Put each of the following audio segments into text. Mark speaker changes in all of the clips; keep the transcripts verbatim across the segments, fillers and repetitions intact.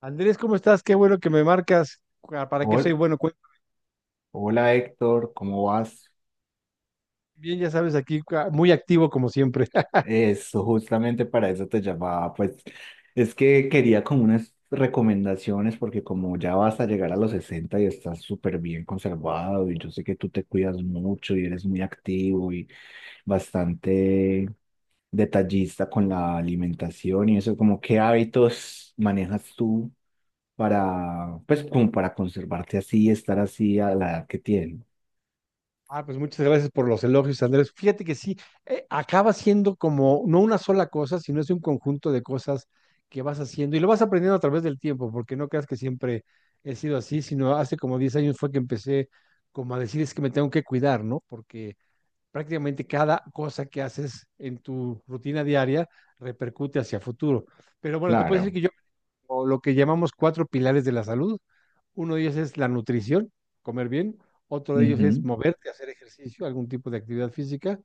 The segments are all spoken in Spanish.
Speaker 1: Andrés, ¿cómo estás? Qué bueno que me marcas. Ah, ¿para qué soy
Speaker 2: Hol-
Speaker 1: bueno? Cu-
Speaker 2: Hola Héctor, ¿cómo vas?
Speaker 1: Bien, ya sabes, aquí ah, muy activo como siempre.
Speaker 2: Eso, justamente para eso te llamaba, pues es que quería como unas recomendaciones porque como ya vas a llegar a los sesenta y estás súper bien conservado y yo sé que tú te cuidas mucho y eres muy activo y bastante detallista con la alimentación y eso, como qué hábitos manejas tú para, pues como para conservarte así y estar así a la edad que tienes.
Speaker 1: Ah, pues muchas gracias por los elogios, Andrés. Fíjate que sí, eh, acaba siendo como no una sola cosa, sino es un conjunto de cosas que vas haciendo y lo vas aprendiendo a través del tiempo, porque no creas que siempre he sido así, sino hace como diez años fue que empecé como a decir es que me tengo que cuidar, ¿no? Porque prácticamente cada cosa que haces en tu rutina diaria repercute hacia futuro. Pero bueno, te puedo decir
Speaker 2: Claro.
Speaker 1: que yo o lo que llamamos cuatro pilares de la salud. Uno de ellos es la nutrición, comer bien. Otro de ellos es moverte, hacer ejercicio, algún tipo de actividad física.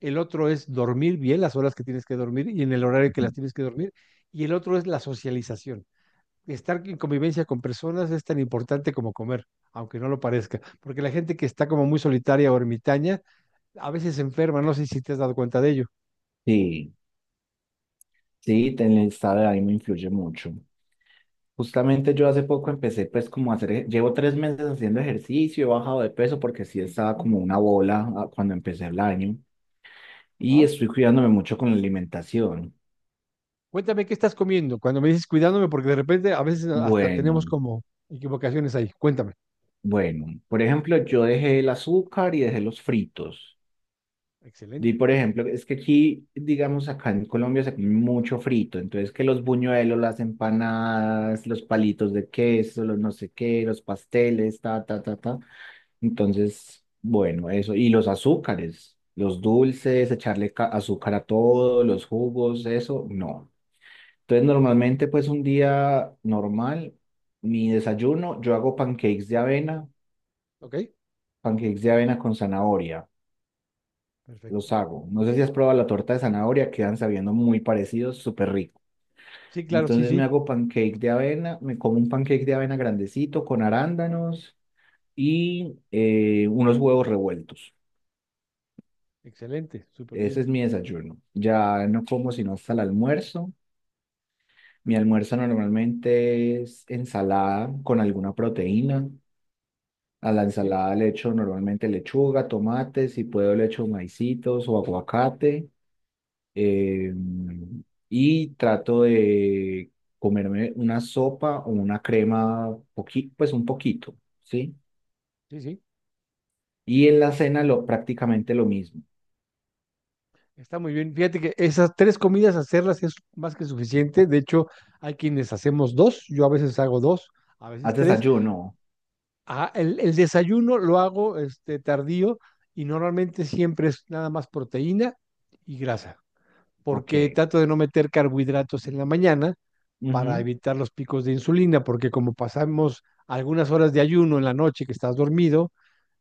Speaker 1: El otro es dormir bien las horas que tienes que dormir y en el horario que
Speaker 2: Ujú.
Speaker 1: las tienes que dormir. Y el otro es la socialización. Estar en convivencia con personas es tan importante como comer, aunque no lo parezca, porque la gente que está como muy solitaria o ermitaña a veces se enferma, no sé si te has dado cuenta de ello.
Speaker 2: Sí, sí, ten- el estado de ánimo influye mucho. Justamente yo
Speaker 1: ¿Sí?
Speaker 2: hace poco empecé pues como a hacer, ej- llevo tres meses haciendo ejercicio. He bajado de peso porque sí estaba como una bola ah, cuando empecé el año, y
Speaker 1: ¿Ah?
Speaker 2: estoy cuidándome mucho con la alimentación.
Speaker 1: Cuéntame qué estás comiendo cuando me dices cuidándome, porque de repente a veces hasta tenemos
Speaker 2: Bueno,
Speaker 1: como equivocaciones ahí. Cuéntame.
Speaker 2: bueno, por ejemplo, yo dejé el azúcar y dejé los fritos. Y
Speaker 1: Excelente.
Speaker 2: por ejemplo, es que aquí, digamos, acá en Colombia se come mucho frito, entonces que los buñuelos, las empanadas, los palitos de queso, los no sé qué, los pasteles, ta, ta, ta, ta. Entonces, bueno, eso. Y los azúcares, los dulces, echarle ca- azúcar a todo, los jugos, eso, no. Entonces, normalmente, pues un día normal, mi desayuno, yo hago pancakes de avena,
Speaker 1: ¿Ok?
Speaker 2: pancakes de avena con zanahoria.
Speaker 1: Perfecto.
Speaker 2: Los hago. No sé si has probado la torta de zanahoria, quedan sabiendo muy parecidos, súper rico.
Speaker 1: Sí, claro, sí,
Speaker 2: Entonces me
Speaker 1: sí.
Speaker 2: hago pancake de avena, me como un pancake de avena grandecito con arándanos y eh, unos huevos revueltos.
Speaker 1: Excelente. Súper bien.
Speaker 2: Ese es mi desayuno. Ya no como sino hasta el almuerzo. Mi almuerzo normalmente es ensalada con alguna proteína. A la
Speaker 1: Sí,
Speaker 2: ensalada le echo normalmente lechuga, tomates, si puedo le echo maicitos o aguacate. eh, y trato de comerme una sopa o una crema, poqui- pues un poquito, ¿sí?
Speaker 1: sí, sí.
Speaker 2: Y en la cena lo, prácticamente lo mismo.
Speaker 1: Está muy bien. Fíjate que esas tres comidas hacerlas es más que suficiente. De hecho, hay quienes hacemos dos. Yo a veces hago dos, a veces
Speaker 2: ¿Haz
Speaker 1: tres.
Speaker 2: desayuno?
Speaker 1: Ah, el, el desayuno lo hago este, tardío y normalmente siempre es nada más proteína y grasa,
Speaker 2: Ok.
Speaker 1: porque trato de no meter carbohidratos en la mañana para
Speaker 2: Ujú.
Speaker 1: evitar los picos de insulina, porque como pasamos algunas horas de ayuno en la noche que estás dormido,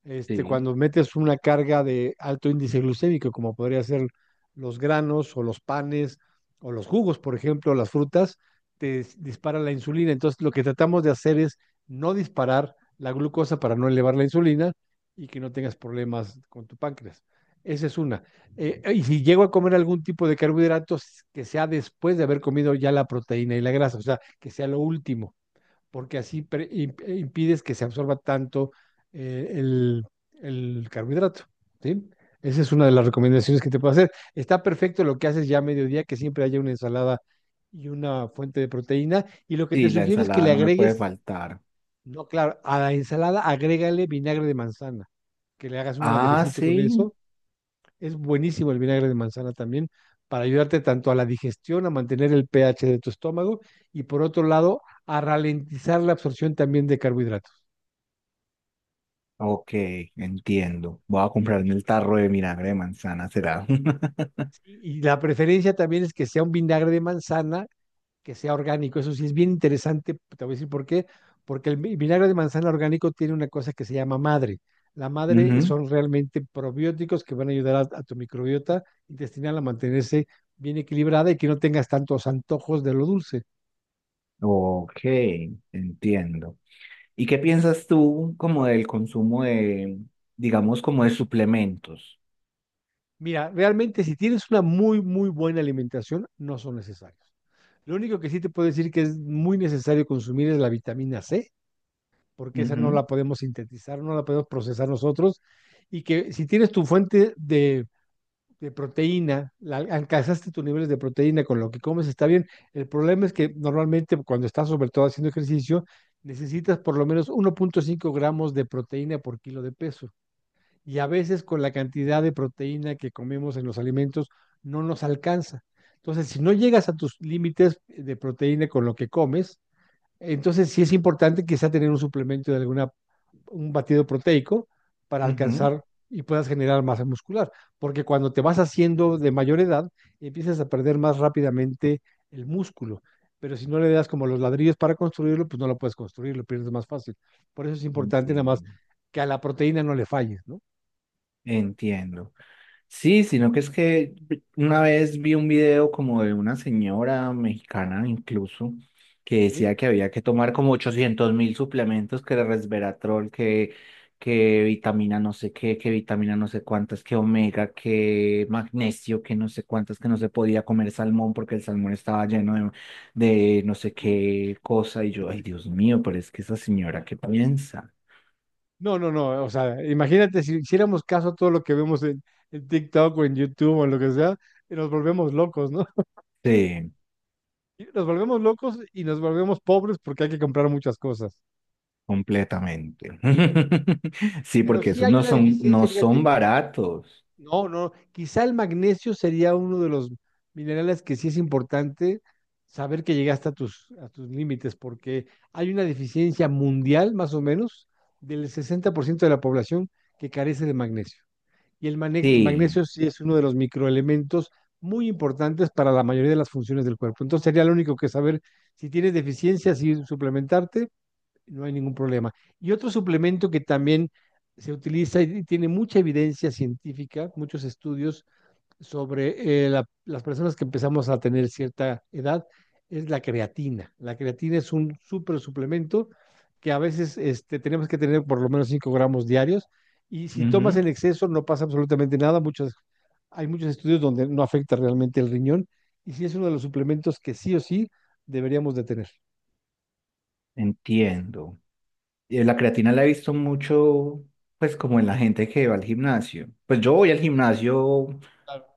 Speaker 1: este,
Speaker 2: Sí,
Speaker 1: cuando metes una carga de alto índice glucémico, como podría ser los granos o los panes o los jugos, por ejemplo, las frutas, te dis- dispara la insulina. Entonces, lo que tratamos de hacer es no disparar la glucosa para no elevar la insulina y que no tengas problemas con tu páncreas. Esa es una. Eh, y si llego a comer algún tipo de carbohidratos, que sea después de haber comido ya la proteína y la grasa, o sea, que sea lo último, porque así pre- imp- eh, impides que se absorba tanto eh, el, el carbohidrato, ¿sí? Esa es una de las recomendaciones que te puedo hacer. Está perfecto lo que haces ya a mediodía, que siempre haya una ensalada y una fuente de proteína. Y lo que te
Speaker 2: sí, la
Speaker 1: sugiero es que
Speaker 2: ensalada
Speaker 1: le
Speaker 2: no me puede
Speaker 1: agregues,
Speaker 2: faltar.
Speaker 1: no, claro, a la ensalada agrégale vinagre de manzana, que le hagas un
Speaker 2: Ah,
Speaker 1: aderecito con
Speaker 2: sí.
Speaker 1: eso es buenísimo el vinagre de manzana también para ayudarte tanto a la digestión, a mantener el pH de tu estómago y por otro lado, a ralentizar la absorción también de carbohidratos.
Speaker 2: Ok, entiendo. Voy a comprarme el tarro de vinagre de manzana, será.
Speaker 1: Y, y la preferencia también es que sea un vinagre de manzana, que sea orgánico. Eso sí es bien interesante, te voy a decir por qué, porque el vi- vinagre de manzana orgánico tiene una cosa que se llama madre. La madre
Speaker 2: Ujú.
Speaker 1: son realmente probióticos que van a ayudar a, a tu microbiota intestinal a mantenerse bien equilibrada y que no tengas tantos antojos de lo dulce.
Speaker 2: Ok, entiendo. ¿Y qué piensas tú como del consumo de, digamos, como de suplementos?
Speaker 1: Mira, realmente si tienes una muy, muy buena alimentación, no son necesarios. Lo único que sí te puedo decir que es muy necesario consumir es la vitamina ce, porque esa no
Speaker 2: Ujú,
Speaker 1: la podemos sintetizar, no la podemos procesar nosotros, y que si tienes tu fuente de, de proteína, la, alcanzaste tus niveles de proteína con lo que comes, está bien. El problema es que normalmente cuando estás sobre todo haciendo ejercicio, necesitas por lo menos uno punto cinco gramos de proteína por kilo de peso y a veces con la cantidad de proteína que comemos en los alimentos no nos alcanza. Entonces, si no llegas a tus límites de proteína con lo que comes, entonces sí es importante quizá tener un suplemento de alguna, un batido proteico para
Speaker 2: ujú.
Speaker 1: alcanzar y puedas generar masa muscular, porque cuando te vas haciendo de mayor edad, empiezas a perder más rápidamente el músculo, pero si no le das como los ladrillos para construirlo, pues no lo puedes construir, lo pierdes más fácil. Por eso es importante nada
Speaker 2: Entiendo.
Speaker 1: más que a la proteína no le falles, ¿no?
Speaker 2: Entiendo. Sí, sino que es que una vez vi un video como de una señora mexicana incluso que
Speaker 1: ¿Sí?
Speaker 2: decía que había que tomar como ochocientos mil suplementos, que era resveratrol, que, que, vitamina no sé qué, que vitamina no sé cuántas, que omega, que magnesio, que no sé cuántas, que no se podía comer salmón porque el salmón estaba lleno de, de no sé
Speaker 1: Julio.
Speaker 2: qué cosa. Y yo, ay
Speaker 1: Sí.
Speaker 2: Dios mío, pero es que esa señora, ¿qué piensa?
Speaker 1: No, no, no, o sea, imagínate si hiciéramos caso a todo lo que vemos en, en TikTok o en YouTube o en lo que sea, y nos volvemos locos, ¿no?
Speaker 2: Sí.
Speaker 1: Y nos volvemos locos y nos volvemos pobres porque hay que comprar muchas cosas.
Speaker 2: Completamente. Sí,
Speaker 1: Pero
Speaker 2: porque
Speaker 1: sí
Speaker 2: esos
Speaker 1: hay
Speaker 2: no
Speaker 1: una
Speaker 2: son,
Speaker 1: deficiencia,
Speaker 2: no son
Speaker 1: fíjate,
Speaker 2: baratos.
Speaker 1: no, no, quizá el magnesio sería uno de los minerales que sí es importante saber que llegaste a tus, a tus límites, porque hay una deficiencia mundial, más o menos, del sesenta por ciento de la población que carece de magnesio. Y el mane-
Speaker 2: Sí.
Speaker 1: magnesio sí es uno de los microelementos muy importantes para la mayoría de las funciones del cuerpo. Entonces sería lo único que saber si tienes deficiencia, si suplementarte, no hay ningún problema. Y otro suplemento que también se utiliza y tiene mucha evidencia científica, muchos estudios, sobre eh, la- las personas que empezamos a tener cierta edad es la creatina. La creatina es un súper suplemento que a veces este, tenemos que tener por lo menos cinco gramos diarios y si tomas
Speaker 2: Ujú.
Speaker 1: en exceso no pasa absolutamente nada. Muchos, hay muchos estudios donde no afecta realmente el riñón y sí es uno de los suplementos que sí o sí deberíamos de tener.
Speaker 2: Entiendo. Y la creatina la he visto mucho, pues como en la gente que va al gimnasio. Pues yo voy al gimnasio
Speaker 1: Claro.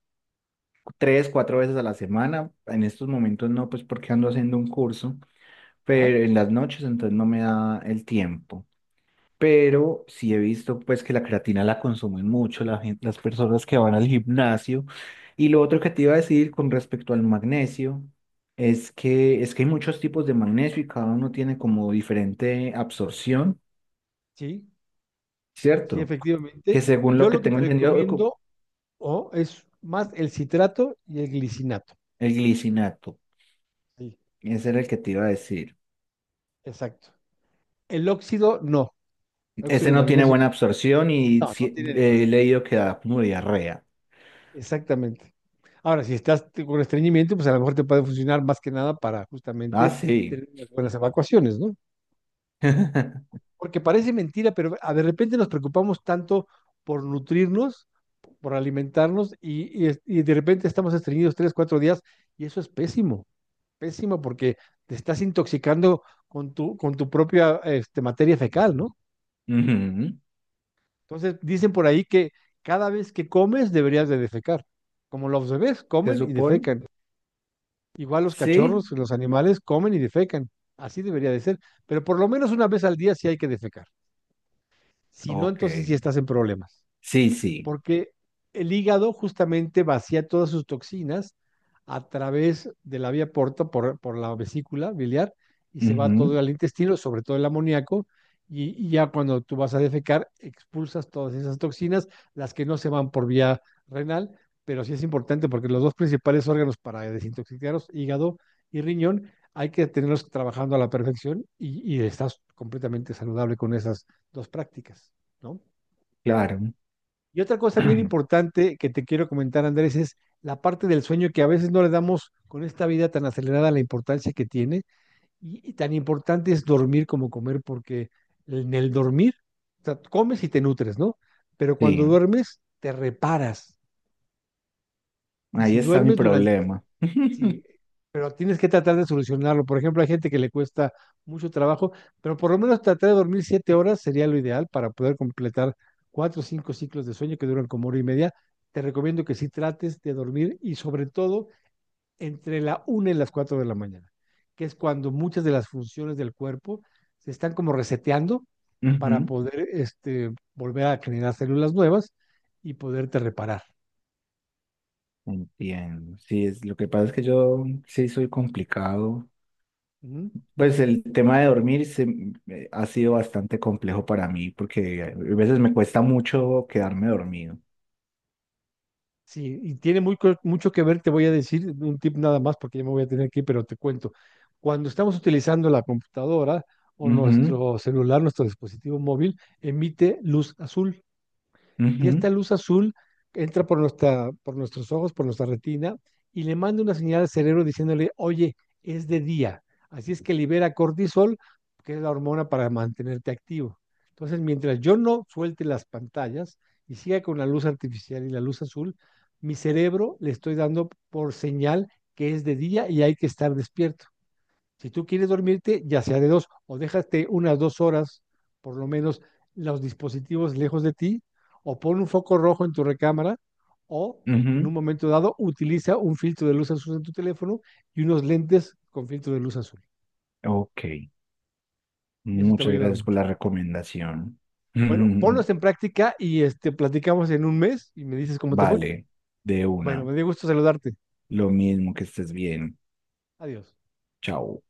Speaker 2: tres, cuatro veces a la semana. En estos momentos no, pues porque ando haciendo un curso,
Speaker 1: Ajá,
Speaker 2: pero en las noches entonces no me da el tiempo. Pero sí he visto pues que la creatina la consumen mucho la gen- las personas que van al gimnasio. Y lo otro que te iba a decir con respecto al magnesio es que es que hay muchos tipos de magnesio y cada uno tiene como diferente absorción,
Speaker 1: sí, sí,
Speaker 2: ¿cierto? Que
Speaker 1: efectivamente.
Speaker 2: según lo
Speaker 1: Yo
Speaker 2: que
Speaker 1: lo que
Speaker 2: tengo
Speaker 1: te
Speaker 2: entendido, co-
Speaker 1: recomiendo oh, es más el citrato y el glicinato.
Speaker 2: el glicinato,
Speaker 1: Sí,
Speaker 2: ese era el que te iba a decir.
Speaker 1: exacto. El óxido no, el óxido
Speaker 2: Ese
Speaker 1: de
Speaker 2: no tiene
Speaker 1: magnesio,
Speaker 2: buena absorción y
Speaker 1: no, no
Speaker 2: sí-
Speaker 1: tiene ningún.
Speaker 2: he leído que da como diarrea.
Speaker 1: Exactamente. Ahora, si estás con estreñimiento, pues a lo mejor te puede funcionar más que nada para
Speaker 2: Ah,
Speaker 1: justamente
Speaker 2: sí.
Speaker 1: tener unas buenas evacuaciones, ¿no? Porque parece mentira, pero a- de repente nos preocupamos tanto por nutrirnos, por alimentarnos, y, y es- y de repente estamos estreñidos tres, cuatro días, y eso es pésimo, pésimo porque te estás intoxicando con tu, con tu propia este, materia fecal, ¿no?
Speaker 2: Ujú.
Speaker 1: Entonces, dicen por ahí que cada vez que comes deberías de defecar. Como los bebés
Speaker 2: ¿Se
Speaker 1: comen y
Speaker 2: supone?
Speaker 1: defecan. Igual los
Speaker 2: Sí.
Speaker 1: cachorros, los animales comen y defecan. Así debería de ser. Pero por lo menos una vez al día sí hay que defecar. Si no,
Speaker 2: Ok.
Speaker 1: entonces sí estás en problemas
Speaker 2: Sí, sí.
Speaker 1: porque el hígado justamente vacía todas sus toxinas a través de la vía porta por, por la vesícula biliar y se va
Speaker 2: Ujú,
Speaker 1: todo al intestino, sobre todo el amoníaco, y, y, ya cuando tú vas a defecar expulsas todas esas toxinas, las que no se van por vía renal, pero sí es importante porque los dos principales órganos para desintoxicarlos, hígado y riñón, hay que tenerlos trabajando a la perfección y, y estás completamente saludable con esas dos prácticas, ¿no?
Speaker 2: claro.
Speaker 1: Y otra cosa bien importante que te quiero comentar, Andrés, es la parte del sueño que a veces no le damos con esta vida tan acelerada la importancia que tiene. Y, y tan importante es dormir como comer, porque en el dormir, o sea, comes y te nutres, ¿no? Pero
Speaker 2: Sí,
Speaker 1: cuando duermes, te reparas. Y
Speaker 2: ahí
Speaker 1: si
Speaker 2: está mi
Speaker 1: duermes durante
Speaker 2: problema.
Speaker 1: sí, pero tienes que tratar de solucionarlo. Por ejemplo, hay gente que le cuesta mucho trabajo, pero por lo menos tratar de dormir siete horas sería lo ideal para poder completar cuatro o cinco ciclos de sueño que duran como hora y media. Te recomiendo que sí trates de dormir y sobre todo entre la una y las cuatro de la mañana, que es cuando muchas de las funciones del cuerpo se están como reseteando para
Speaker 2: Ujú.
Speaker 1: poder este, volver a generar células nuevas y poderte reparar.
Speaker 2: Entiendo. Sí, es, lo que pasa es que yo sí soy complicado.
Speaker 1: ¿Mm?
Speaker 2: Pues el tema de dormir se, eh, ha sido bastante complejo para mí porque a veces me cuesta mucho quedarme dormido.
Speaker 1: Sí, y tiene muy co- mucho que ver, te voy a decir un tip nada más porque ya me voy a tener que ir, pero te cuento. Cuando estamos utilizando la computadora o
Speaker 2: Ujú,
Speaker 1: nuestro celular, nuestro dispositivo móvil, emite luz azul y
Speaker 2: ujú,
Speaker 1: esta luz azul entra por, nuestra, por nuestros ojos, por nuestra retina, y le manda una señal al cerebro diciéndole, oye, es de día. Así es que libera cortisol, que es la hormona para mantenerte activo. Entonces, mientras yo no suelte las pantallas y siga con la luz artificial y la luz azul, mi cerebro le estoy dando por señal que es de día y hay que estar despierto. Si tú quieres dormirte, ya sea de dos, o déjate unas dos horas, por lo menos, los dispositivos lejos de ti, o pon un foco rojo en tu recámara, o en un
Speaker 2: ujú.
Speaker 1: momento dado utiliza un filtro de luz azul en tu teléfono y unos lentes con filtro de luz azul.
Speaker 2: Ok,
Speaker 1: Y eso te va
Speaker 2: muchas
Speaker 1: a ayudar
Speaker 2: gracias por
Speaker 1: mucho.
Speaker 2: la recomendación.
Speaker 1: Bueno, ponlos en práctica y este, platicamos en un mes y me dices cómo te fue.
Speaker 2: Vale, de
Speaker 1: Bueno,
Speaker 2: una.
Speaker 1: me dio gusto saludarte.
Speaker 2: Lo mismo que estés bien.
Speaker 1: Adiós.
Speaker 2: Chao.